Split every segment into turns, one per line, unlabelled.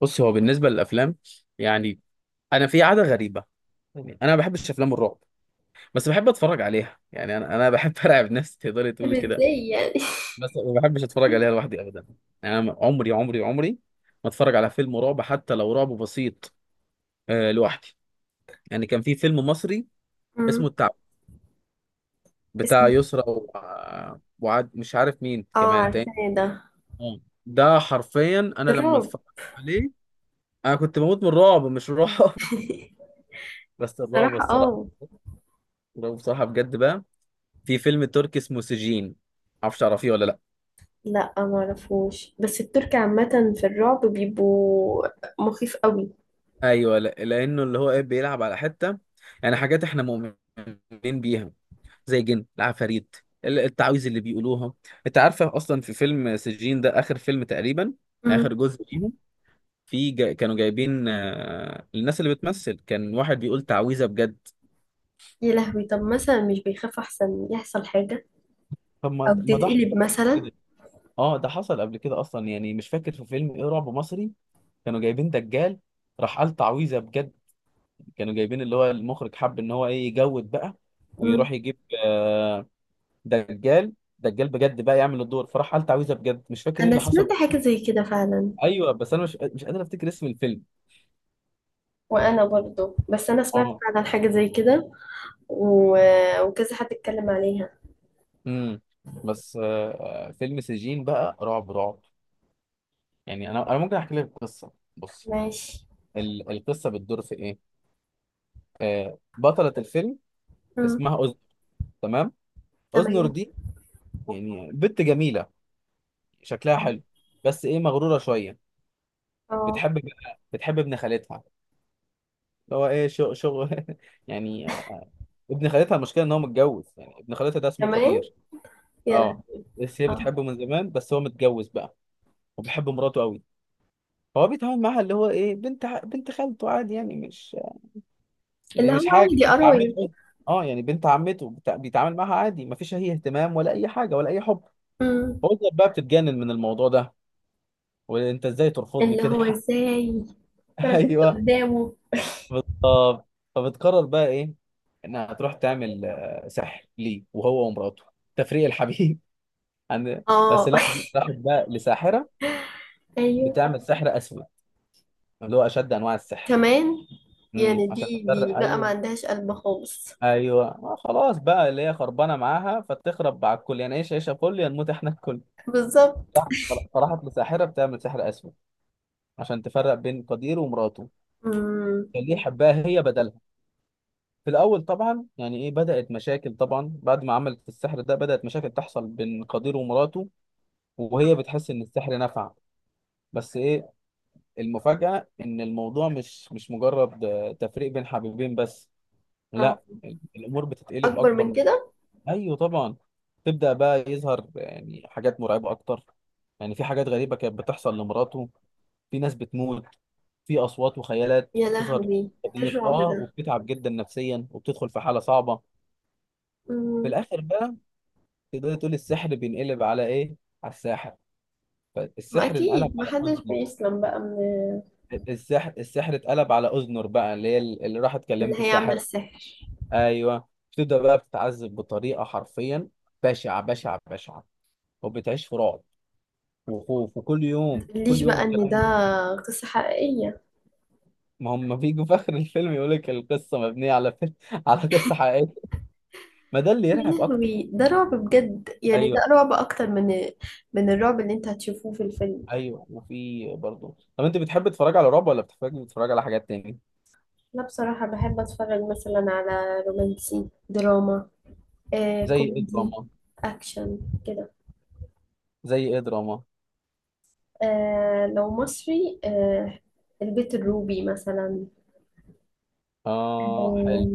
بص، هو بالنسبه للافلام، يعني انا في عاده غريبه. يعني انا ما بحبش افلام الرعب، بس بحب اتفرج عليها، يعني انا بحب ارعب نفسي، تقدري
طب
تقولي كده.
ازاي يعني؟
بس ما بحبش اتفرج عليها لوحدي ابدا. يعني انا عمري عمري عمري ما اتفرج على فيلم رعب، حتى لو رعب بسيط لوحدي. يعني كان في فيلم مصري
مم.
اسمه التعب،
اسمه.
بتاع يسرا وعاد، مش عارف مين
اه،
كمان تاني.
عارفاه ده.
آه. ده حرفيا انا لما
الرعب.
اتفرجت عليه، انا كنت بموت من الرعب، مش الرعب بس الرعب
صراحة
الصراحه،
اه.
الرعب بصراحه بجد بقى. في فيلم تركي اسمه سجين، معرفش تعرفيه ولا لا.
لا، ما اعرفوش، بس الترك عامة في الرعب بيبقوا مخيف قوي.
ايوه، لا. لانه اللي هو ايه بيلعب على حته، يعني حاجات احنا مؤمنين بيها، زي الجن العفاريت، التعاويذ اللي بيقولوها. انت عارفه اصلا في فيلم سجين ده؟ اخر فيلم تقريبا،
مم.
اخر جزء ليهم. كانوا جايبين الناس اللي بتمثل، كان واحد بيقول تعويذه بجد.
يا لهوي، طب مثلا مش بيخاف احسن يحصل حاجة
طب،
او
ما ده حصل
بتتقلب مثلا؟
كده. اه، ده حصل قبل كده اصلا، يعني مش فاكر في فيلم ايه رعب مصري. كانوا جايبين دجال، راح قال تعويذه بجد. كانوا جايبين اللي هو المخرج حب ان هو ايه يجود بقى،
مم.
ويروح يجيب آه، دجال. دجال بجد بقى يعمل الدور، فراح قال تعويذه بجد، مش فاكر ايه
انا
اللي حصل.
سمعت حاجه زي كده فعلا.
ايوه، بس انا مش قادر افتكر اسم الفيلم.
وانا برضو، بس انا سمعت
اه.
فعلا حاجه زي كده. و... وكذا حد اتكلم عليها.
امم بس فيلم سجين بقى رعب رعب. يعني انا ممكن احكي لك القصه. بص.
ماشي.
القصه بتدور في ايه. بطله الفيلم
مم.
اسمها أذنر. تمام. أذنر
تمام.
دي يعني بنت جميله، شكلها
اه.
حلو، بس ايه مغروره شويه.
آه.
بتحب بقى بتحب ابن خالتها اللي هو ايه شغل شغل يعني ابن خالتها، المشكله ان هو متجوز، يعني ابن خالتها ده اسمه
تمام.
قدير.
يلا.
اه، بس هي
آه.
بتحبه من زمان، بس هو متجوز بقى وبيحب مراته قوي. فهو بيتعامل معاها اللي هو ايه بنت خالته عادي،
اللي
يعني
هو
مش حاجه
عادي،
بنت
قرايب.
عمته. اه، يعني بنت عمته، بيتعامل معاها عادي، مفيش اي اهتمام ولا اي حاجه ولا اي حب.
مم.
فوزة بقى بتتجنن من الموضوع ده. وانت ازاي ترفضني
اللي
كده؟
هو ازاي؟ ما انا كنت
ايوه
قدامه.
بالظبط. فبتقرر بقى ايه، انها هتروح تعمل سحر ليه وهو ومراته، تفريق الحبيب عن. بس
اه.
لا، دي راحت بقى لساحره،
ايوه.
بتعمل سحر اسود، اللي هو اشد انواع السحر.
كمان. يعني
عشان
دي
تفرق.
بقى ما
ايوه،
عندهاش قلب خالص.
ايوه، خلاص بقى، اللي هي خربانه معاها فتخرب على الكل، يعني ايش عيشه، كل يا نموت احنا الكل.
بالظبط.
فراحت لساحره بتعمل سحر اسود، عشان تفرق بين قدير ومراته.
مم.
اللي يحبها هي بدلها. في الأول طبعا يعني إيه، بدأت مشاكل طبعا، بعد ما عملت السحر ده بدأت مشاكل تحصل بين قدير ومراته. وهي بتحس إن السحر نفع. بس إيه، المفاجأة إن الموضوع مش مجرد تفريق بين حبيبين بس.
اه،
لا، الأمور بتتقلب
اكبر
أكبر
من
من-
كده.
أيوه طبعا. تبدأ بقى يظهر يعني حاجات مرعبة أكتر. يعني في حاجات غريبة كانت بتحصل لمراته، في ناس بتموت، في أصوات وخيالات
يا
بتظهر.
لهوي.
قدير
تشعر ده.
وبتتعب جدا نفسيا وبتدخل في حالة صعبة. في
مم.
الآخر بقى، تقدر تقول السحر بينقلب على ايه، على الساحر.
ما
فالسحر انقلب
أكيد
على
محدش
اذنر،
بيسلم بقى من.
السحر اتقلب على اذنر بقى، اللي هي اللي راحت كلمت
اللي هي عاملة
الساحره.
السحر.
ايوه، بتبدا بقى بتتعذب بطريقه حرفيا بشعه بشعه بشعه، وبتعيش في رعب وخوف، وكل يوم كل
متقوليش
يوم
بقى إن ده
الكلام ده.
قصة حقيقية؟
ما هم بيجوا في اخر الفيلم يقول لك القصه مبنيه على فيلم على قصه حقيقيه. ما ده اللي
يا
يرعب اكتر.
لهوي، ده رعب بجد، يعني ده
ايوه،
رعب أكتر من الرعب اللي أنت هتشوفوه في الفيلم.
ايوه. وفي برضه. طب انت بتحب تتفرج على رعب ولا بتحب تتفرج على حاجات تاني؟
أنا بصراحة بحب أتفرج مثلا على رومانسي، دراما،
زي ايه
كوميدي،
دراما؟
أكشن كده.
زي ايه دراما؟
لو مصري، البيت الروبي مثلا.
اه
آه،
حلو.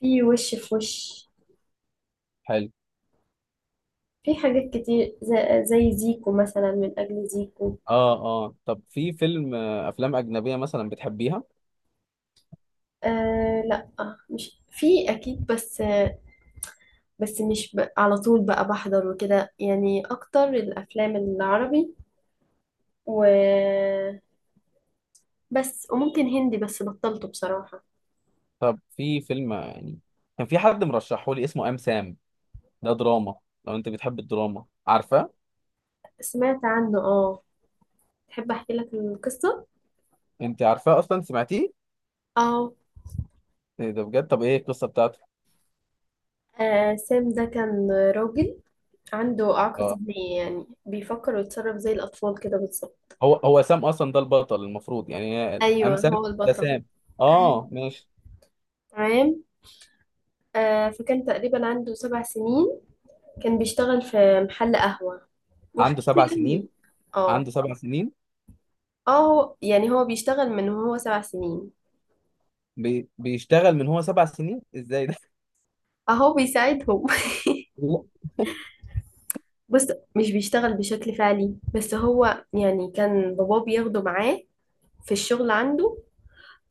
في وش في وش.
حلو.
في حاجات كتير زي زيكو مثلا، من أجل زيكو.
اه. اه. طب في فيلم افلام اجنبيه مثلا بتحبيها؟
لا، مش في، أكيد، بس. بس مش على طول بقى بحضر وكده، يعني أكتر الأفلام العربي. و بس وممكن هندي، بس بطلته بصراحة.
طب في فيلم يعني كان في حد مرشحه لي اسمه ام سام. ده دراما، لو انت بتحب الدراما. عارفاه؟
سمعت عنه، اه. تحب أحكي لك القصة؟
انت عارفاه اصلا؟ سمعتيه؟
اه.
إيه ده بجد، طب ايه القصه بتاعته؟
سام ده كان راجل عنده إعاقة
اه،
ذهنية، يعني بيفكر ويتصرف زي الأطفال كده بالظبط.
هو سام اصلا ده البطل المفروض، يعني هي ام
أيوه،
سام،
هو
ده
البطل.
سام، اه ماشي.
تمام. فكان تقريبا عنده 7 سنين. كان بيشتغل في محل قهوة. وحياته
عنده سبع سنين؟
يعني. اه.
عنده سبع سنين؟
اه. هو يعني هو بيشتغل من وهو 7 سنين.
بيشتغل من هو 7 سنين؟ ازاي ده؟
اهو بيساعدهم. بص. مش بيشتغل بشكل فعلي، بس هو يعني كان باباه بياخده معاه في الشغل عنده.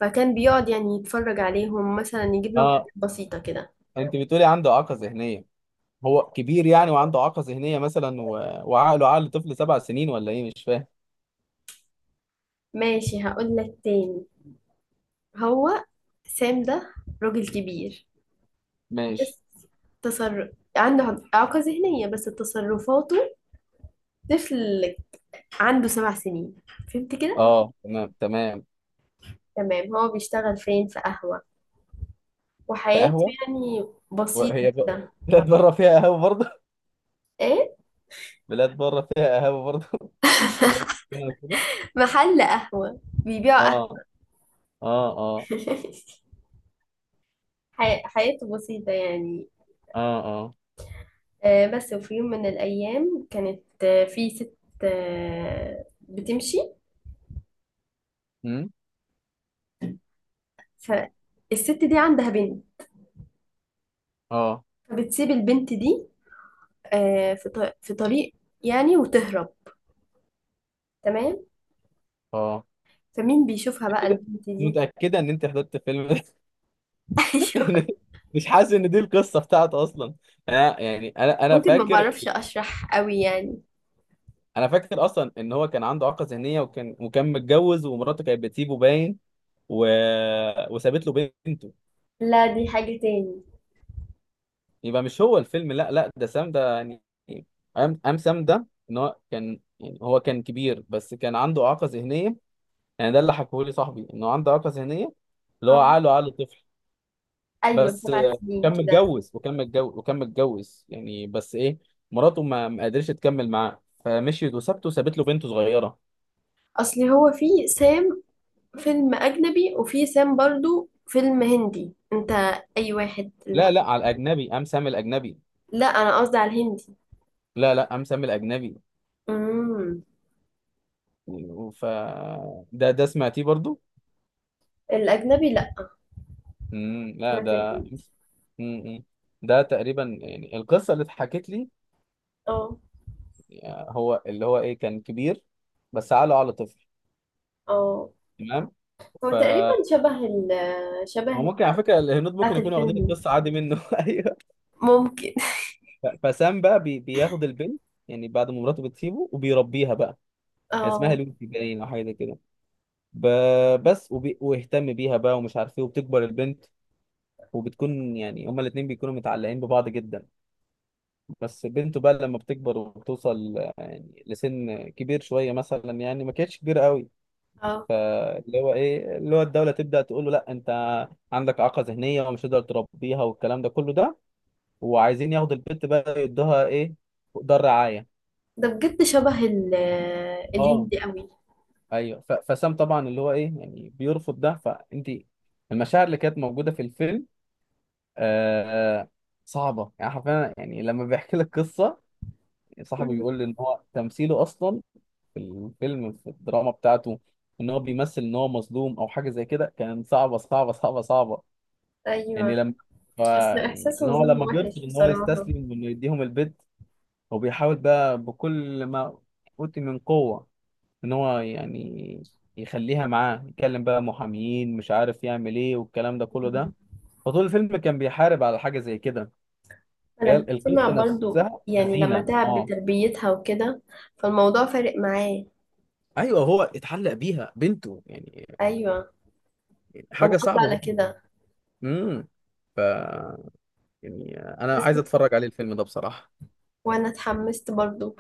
فكان بيقعد، يعني يتفرج عليهم مثلا، يجيب لهم
اه.
حاجات بسيطة كده.
انت بتقولي عنده اعاقه ذهنيه، هو كبير يعني وعنده إعاقة ذهنية مثلا، وعقله عقل طفل 7 سنين ولا إيه، مش فاهم.
ماشي، هقول لك تاني. هو سام ده راجل كبير.
ماشي.
بس تصرف. عنده إعاقة ذهنية، بس تصرفاته طفل. عنده 7 سنين. فهمت كده؟
أه تمام، تمام.
تمام. هو بيشتغل فين؟ في قهوة.
في
وحياته
قهوة؟
يعني بسيطة
وهي
كده.
بلاد بره فيها قهوة برضه؟
ايه.
بلاد بره فيها قهوة برضه زي كده كده.
محل قهوة. بيبيعوا قهوة.
أه، أه، أه،
حياته بسيطة يعني.
أه، أه،
بس وفي يوم من الأيام كانت، في ست بتمشي.
أمم،
فالست دي عندها بنت.
أه،
فبتسيب البنت دي في في طريق، يعني وتهرب. تمام.
أه
فمين بيشوفها بقى
كده.
البنت دي؟
متأكدة إن أنت حضرت الفيلم ده؟ لأن مش حاسس إن دي القصة بتاعته أصلا. أنا يعني أنا
ممكن ما
فاكر.
بعرفش اشرح قوي يعني.
انا فاكر اصلا ان هو كان عنده اعاقه ذهنيه، وكان متجوز، ومراته كانت بتسيبه باين، و... وسابت له بنته.
لا، دي حاجة تاني.
يبقى مش هو الفيلم؟ لا، لا، ده سام ده يعني. ام سام ده، ان هو كان، يعني هو كان كبير بس كان عنده اعاقه ذهنيه. يعني ده اللي حكوه لي صاحبي، انه عنده اعاقه ذهنيه، اللي هو
اه.
عقله عقل طفل.
ايوه،
بس
سبع سنين
وكان
كده.
متجوز وكان متجوز وكان متجوز يعني، بس ايه، مراته ما قدرتش تكمل معاه فمشيت وسابته، سابت له بنته صغيره.
اصلي هو في سام فيلم اجنبي، وفي سام برضو فيلم هندي، انت. اي واحد اللي...
لا، لا، على الاجنبي ام سام الاجنبي.
لا، انا قصدي على الهندي.
لا، لا، ام سام الاجنبي.
امم.
ف ده سمعتيه برضو؟
الاجنبي، لا.
مم. لا
سمعت
ده.
الهندي.
مم. ده تقريبا يعني القصه اللي اتحكت لي.
اه.
هو اللي هو ايه كان كبير، بس عقله على طفل.
اه.
تمام.
هو
ف
تقريبا
هو
شبه
ممكن على فكره الهنود ممكن
بتاعت
يكونوا واخدين
الفيلم.
القصه عادي منه ايوه.
ممكن.
فسام بقى بياخد البنت، يعني بعد ما مراته بتسيبه وبيربيها بقى. هي اسمها
اه.
لوسي باين او حاجه زي كده. ب... بس ويهتم بيها بقى ومش عارف ايه، وبتكبر البنت. وبتكون يعني هما الاثنين بيكونوا متعلقين ببعض جدا. بس بنته بقى لما بتكبر وبتوصل يعني لسن كبير شويه مثلا، يعني ما كانتش كبيره قوي.
اه.
اللي هو ايه اللي هو، الدوله تبدا تقول له: لا انت عندك اعاقه ذهنيه ومش هتقدر تربيها والكلام ده كله ده. وعايزين ياخدوا البنت بقى يدوها ايه، دار رعايه.
ده بجد شبه
اه.
الهندي قوي.
ايوه، فسام طبعا اللي هو ايه يعني بيرفض ده. فانت، المشاعر اللي كانت موجوده في الفيلم آه صعبه، يعني حرفيا، يعني لما بيحكي لك قصه صاحبه،
مم.
بيقول لي ان هو تمثيله اصلا، في الفيلم في الدراما بتاعته، ان هو بيمثل ان هو مظلوم او حاجه زي كده، كان صعبه صعبه صعبه صعبه.
أيوة.
يعني لما،
بس
يعني
إحساس
ان هو
الظلم
لما بيرفض
وحش
ان هو
بصراحة.
يستسلم وانه يديهم البيت. هو بيحاول بقى بكل ما اوتي من قوه ان هو يعني يخليها معاه، يكلم بقى محاميين، مش عارف يعمل ايه، والكلام ده كله
مم.
ده. فطول الفيلم كان بيحارب على حاجه زي كده. هي
أنا بسمع
القصه
برضو،
نفسها
يعني لما
حزينه،
تعب
اه.
بتربيتها وكده فالموضوع فارق معاه.
ايوه هو اتعلق بيها بنته يعني،
أيوة. ما أنا
حاجه
قصدي
صعبه
على
برضه.
كده،
امم ف يعني انا
بس
عايز اتفرج عليه الفيلم ده بصراحة.
وأنا اتحمست برضو.